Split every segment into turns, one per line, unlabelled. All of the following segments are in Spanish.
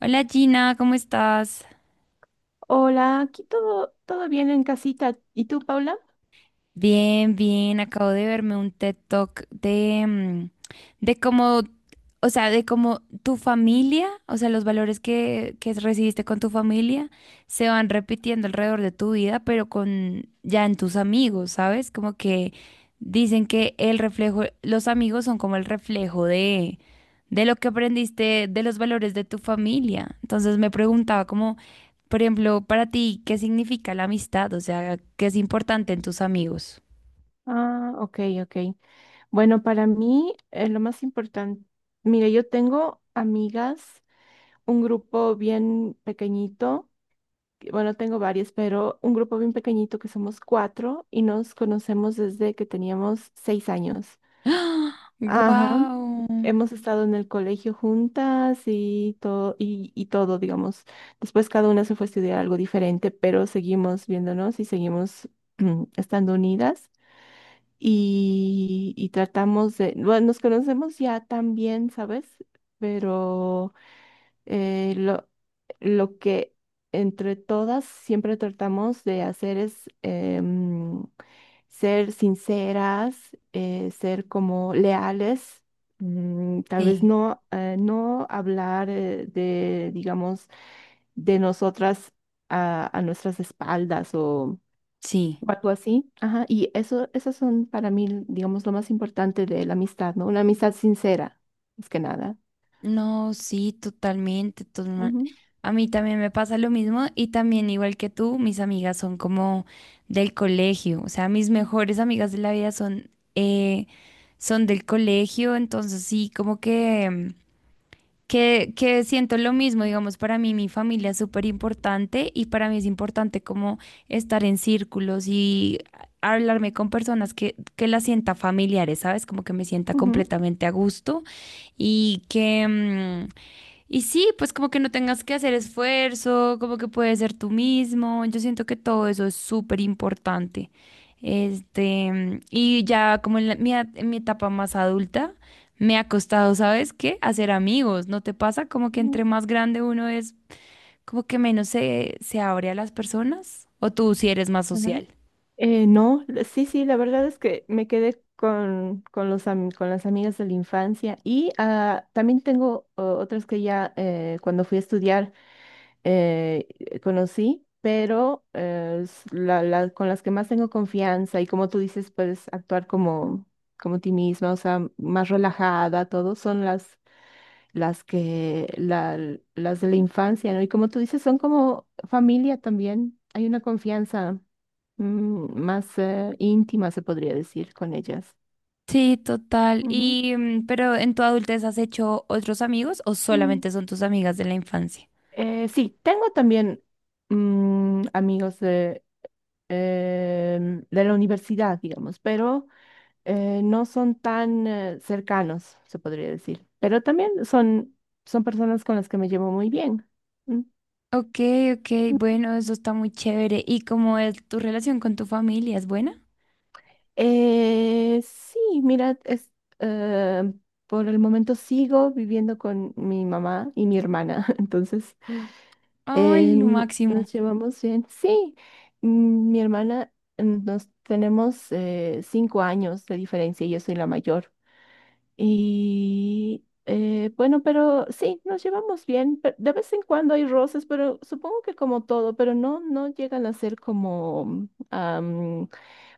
Hola, Gina, ¿cómo estás?
Hola, aquí todo bien en casita. ¿Y tú, Paula?
Bien, bien, acabo de verme un TED Talk de cómo, de cómo tu familia, o sea, los valores que recibiste con tu familia se van repitiendo alrededor de tu vida, pero con ya en tus amigos, ¿sabes? Como que dicen que el reflejo, los amigos son como el reflejo de lo que aprendiste, de los valores de tu familia. Entonces me preguntaba cómo. Por ejemplo, para ti, ¿qué significa la amistad? O sea, ¿qué es importante en tus amigos?
Ah, ok, ok. Bueno, para mí lo más importante, mire, yo tengo amigas, un grupo bien pequeñito, bueno, tengo varias, pero un grupo bien pequeñito que somos cuatro y nos conocemos desde que teníamos 6 años. Ajá,
¡Wow!
hemos estado en el colegio juntas y todo, y todo, digamos. Después cada una se fue a estudiar algo diferente, pero seguimos viéndonos y seguimos estando unidas y tratamos de, bueno, nos conocemos ya tan bien, ¿sabes? Pero eh, lo, lo que entre todas siempre tratamos de hacer es ser sinceras, ser como leales, mm, tal vez
Sí,
no, no hablar de, digamos, de nosotras a nuestras espaldas
sí.
o algo así. Ajá, y eso, esas son para mí, digamos, lo más importante de la amistad, ¿no? Una amistad sincera, más que nada.
No, sí, totalmente, totalmente. A mí también me pasa lo mismo y también igual que tú, mis amigas son como del colegio, o sea, mis mejores amigas de la vida son, son del colegio, entonces sí, como que... que siento lo mismo, digamos, para mí mi familia es súper importante y para mí es importante como estar en círculos y hablarme con personas que las sienta familiares, ¿sabes? Como que me sienta
Ujú, ujú,
completamente a gusto y que, y sí, pues como que no tengas que hacer esfuerzo, como que puedes ser tú mismo. Yo siento que todo eso es súper importante. Este, y ya como en, en mi etapa más adulta, me ha costado, ¿sabes qué? Hacer amigos. ¿No te pasa como que
ujú,
entre más grande uno es, como que menos se abre a las personas? ¿O tú si eres más
ajá.
social?
No, sí, sí, la verdad es que me quedé con las amigas de la infancia y ah, también tengo otras que ya cuando fui a estudiar conocí, pero con las que más tengo confianza y como tú dices, puedes actuar como, como ti misma, o sea, más relajada, todo, son las que, la, las de la infancia, ¿no? Y como tú dices, son como familia también. Hay una confianza más íntima, se podría decir, con ellas.
Sí, total.
Ujú.
Y, pero en tu adultez, ¿has hecho otros amigos o
Mm.
solamente son tus amigas de la infancia?
Sí, tengo también amigos de, de la universidad, digamos, pero no son tan cercanos, se podría decir. Pero también son personas con las que me llevo muy bien. Mm.
Ok, ok, bueno, eso está muy chévere. ¿Y cómo es tu relación con tu familia? ¿Es buena?
Sí, mira, es, eh, por el momento sigo viviendo con mi mamá y mi hermana, entonces
Ay, lo máximo.
nos llevamos bien. Sí, mm, mi hermana, nos tenemos 5 años de diferencia, y yo soy la mayor. Y bueno, pero sí, nos llevamos bien. De vez en cuando hay roces, pero supongo que como todo, pero no, no llegan a ser como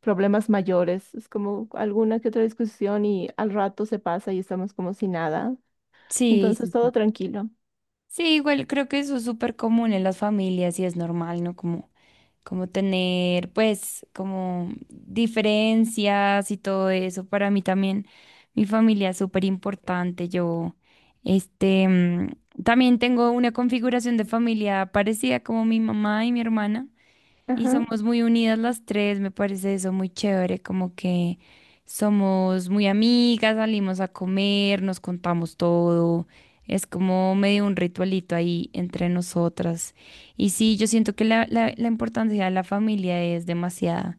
problemas mayores, es como alguna que otra discusión y al rato se pasa y estamos como si nada.
Sí,
Entonces
sí,
todo
sí.
tranquilo.
Sí, igual creo que eso es súper común en las familias y es normal, ¿no? Como, como tener, pues, como diferencias y todo eso. Para mí también, mi familia es súper importante. Yo, este, también tengo una configuración de familia parecida como mi mamá y mi hermana. Y
Ajá.
somos muy unidas las tres, me parece eso muy chévere, como que somos muy amigas, salimos a comer, nos contamos todo. Es como medio un ritualito ahí entre nosotras. Y sí, yo siento que la importancia de la familia es demasiada.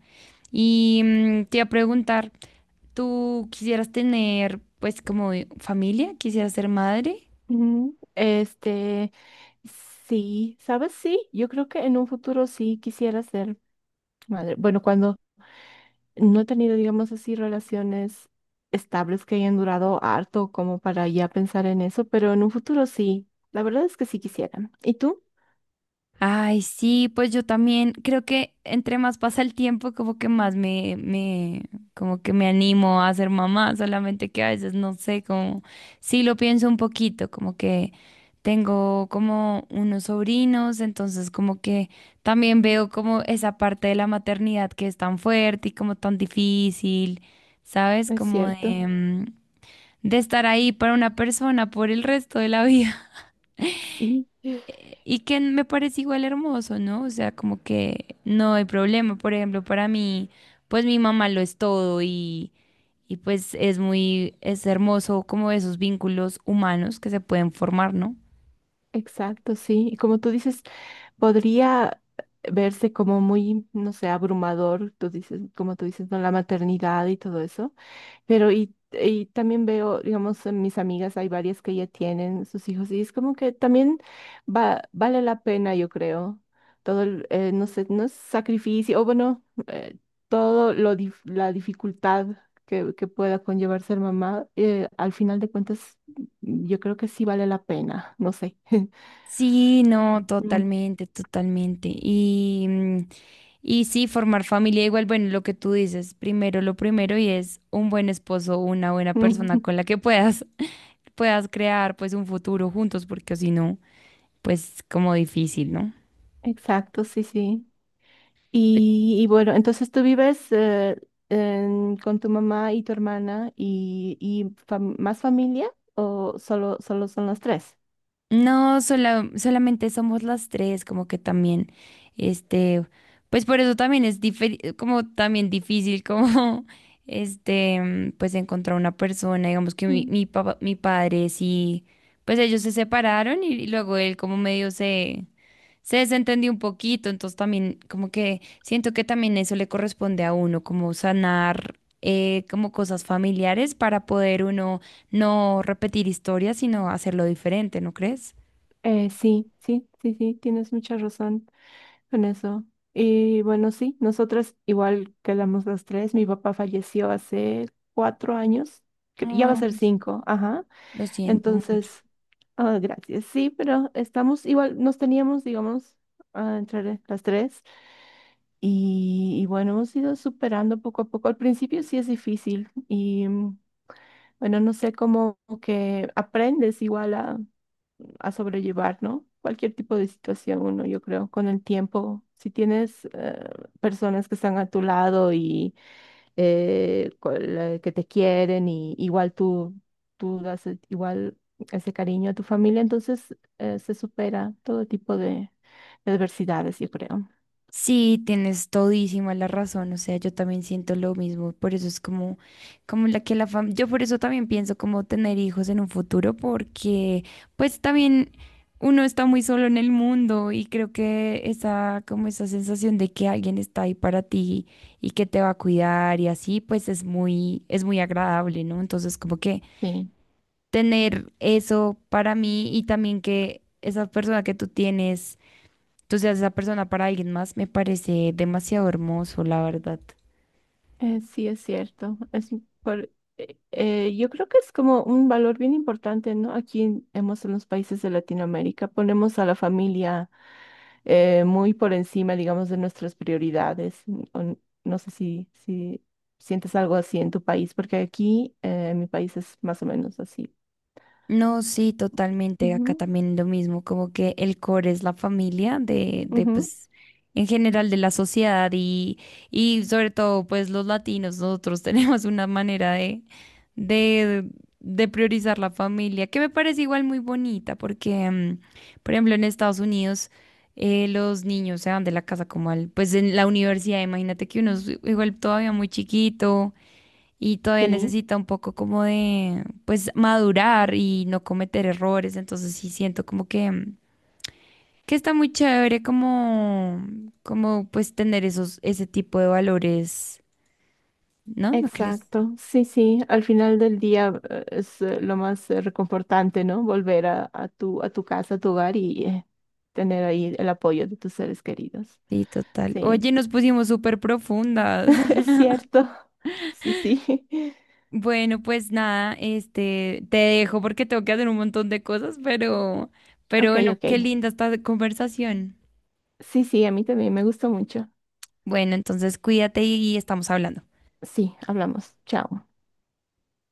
Y te iba a preguntar, ¿tú quisieras tener pues como familia? ¿Quisieras ser madre?
Ujú. Este, sí, ¿sabes? Sí, yo creo que en un futuro sí quisiera ser madre. Bueno, cuando no he tenido, digamos así, relaciones estables que hayan durado harto como para ya pensar en eso, pero en un futuro sí. La verdad es que sí quisiera. ¿Y tú?
Ay, sí, pues yo también creo que entre más pasa el tiempo, como que más como que me animo a ser mamá, solamente que a veces no sé, como, sí lo pienso un poquito, como que tengo como unos sobrinos, entonces como que también veo como esa parte de la maternidad que es tan fuerte y como tan difícil, ¿sabes?
Es
Como
cierto.
de, de estar ahí para una persona por el resto de la vida
Sí,
y que me parece igual hermoso, ¿no? O sea, como que no hay problema. Por ejemplo, para mí, pues mi mamá lo es todo y pues es muy, es hermoso como esos vínculos humanos que se pueden formar, ¿no?
exacto, sí. Y como tú dices, podría verse como muy, no sé, abrumador, como tú dices, ¿no? La maternidad y todo eso, pero y también veo, digamos, en mis amigas, hay varias que ya tienen sus hijos y es como que también vale la pena, yo creo, todo el, no sé, no es sacrificio, o bueno, la dificultad que pueda conllevar ser mamá, al final de cuentas, yo creo que sí vale la pena, no sé.
Sí, no, totalmente, totalmente. Y, y sí, formar familia igual, bueno, lo que tú dices, primero lo primero y es un buen esposo, una buena
Mm.
persona con la que puedas, puedas crear pues un futuro juntos, porque si no, pues como difícil, ¿no?
Exacto, sí, sí. Y bueno, entonces tú vives con tu mamá y tu hermana y más familia o solo son los tres?
No, solamente somos las tres, como que también, este, pues por eso también es como también difícil, como, este, pues encontrar una persona, digamos que
Mm.
mi papá, mi padre sí, pues ellos se separaron y luego él como medio se desentendió un poquito, entonces también como que siento que también eso le corresponde a uno, como sanar. Eh, como cosas familiares para poder uno no repetir historias, sino hacerlo diferente, ¿no crees?
Sí, sí, sí, sí, tienes mucha razón con eso. Y bueno, sí, nosotras igual quedamos los tres. Mi papá falleció hace 4 años, ya va a ser
Ay,
cinco, ajá.
lo siento mucho.
Entonces, ah, gracias. Sí, pero estamos igual, nos teníamos, digamos, ah, entre las tres. Y bueno, hemos ido superando poco a poco. Al principio sí es difícil y bueno, no sé cómo que aprendes igual a sobrellevar, ¿no? Cualquier tipo de situación, uno, yo creo, con el tiempo. Si tienes personas que están a tu lado y con la que te quieren y igual tú, igual ese cariño a tu familia, entonces se supera todo tipo de adversidades, yo creo.
Sí, tienes todísima la razón, o sea, yo también siento lo mismo, por eso es como, como la que la familia, yo por eso también pienso como tener hijos en un futuro, porque pues también uno está muy solo en el mundo y creo que esa, como esa sensación de que alguien está ahí para ti y que te va a cuidar y así, pues es muy agradable, ¿no? Entonces como que
Sí.
tener eso para mí y también que esa persona que tú tienes. Entonces, esa persona para alguien más me parece demasiado hermoso, la verdad.
Sí, es cierto. Yo creo que es como un valor bien importante, ¿no? Hemos en los países de Latinoamérica, ponemos a la familia muy por encima, digamos, de nuestras prioridades. No sé si sientes algo así en tu país, porque aquí en mi país es más o menos así.
No, sí, totalmente. Acá
Ujú,
también lo mismo, como que el core es la familia de
ujú,
pues, en general de la sociedad y sobre todo, pues, los latinos, nosotros tenemos una manera de, de priorizar la familia, que me parece igual muy bonita, porque, por ejemplo, en Estados Unidos, los niños se van de la casa como al, pues, en la universidad, imagínate que uno es igual todavía muy chiquito y todavía
sí.
necesita un poco como de, pues, madurar y no cometer errores. Entonces sí siento como que, que está muy chévere como, como pues tener esos, ese tipo de valores, ¿no? ¿No crees?
Exacto, sí, sí, al final del día es lo más reconfortante, ¿no? Volver a tu casa, a tu hogar y tener ahí el apoyo de tus seres queridos.
Sí, total.
Sí,
Oye, nos pusimos súper profundas.
es cierto, sí, sí.
Bueno, pues nada, este, te dejo porque tengo que hacer un montón de cosas, pero
Ok,
bueno,
ok.
qué linda esta conversación.
Sí, sí, a mí también me gustó mucho.
Bueno, entonces cuídate y estamos hablando.
Sí, hablamos. Chao.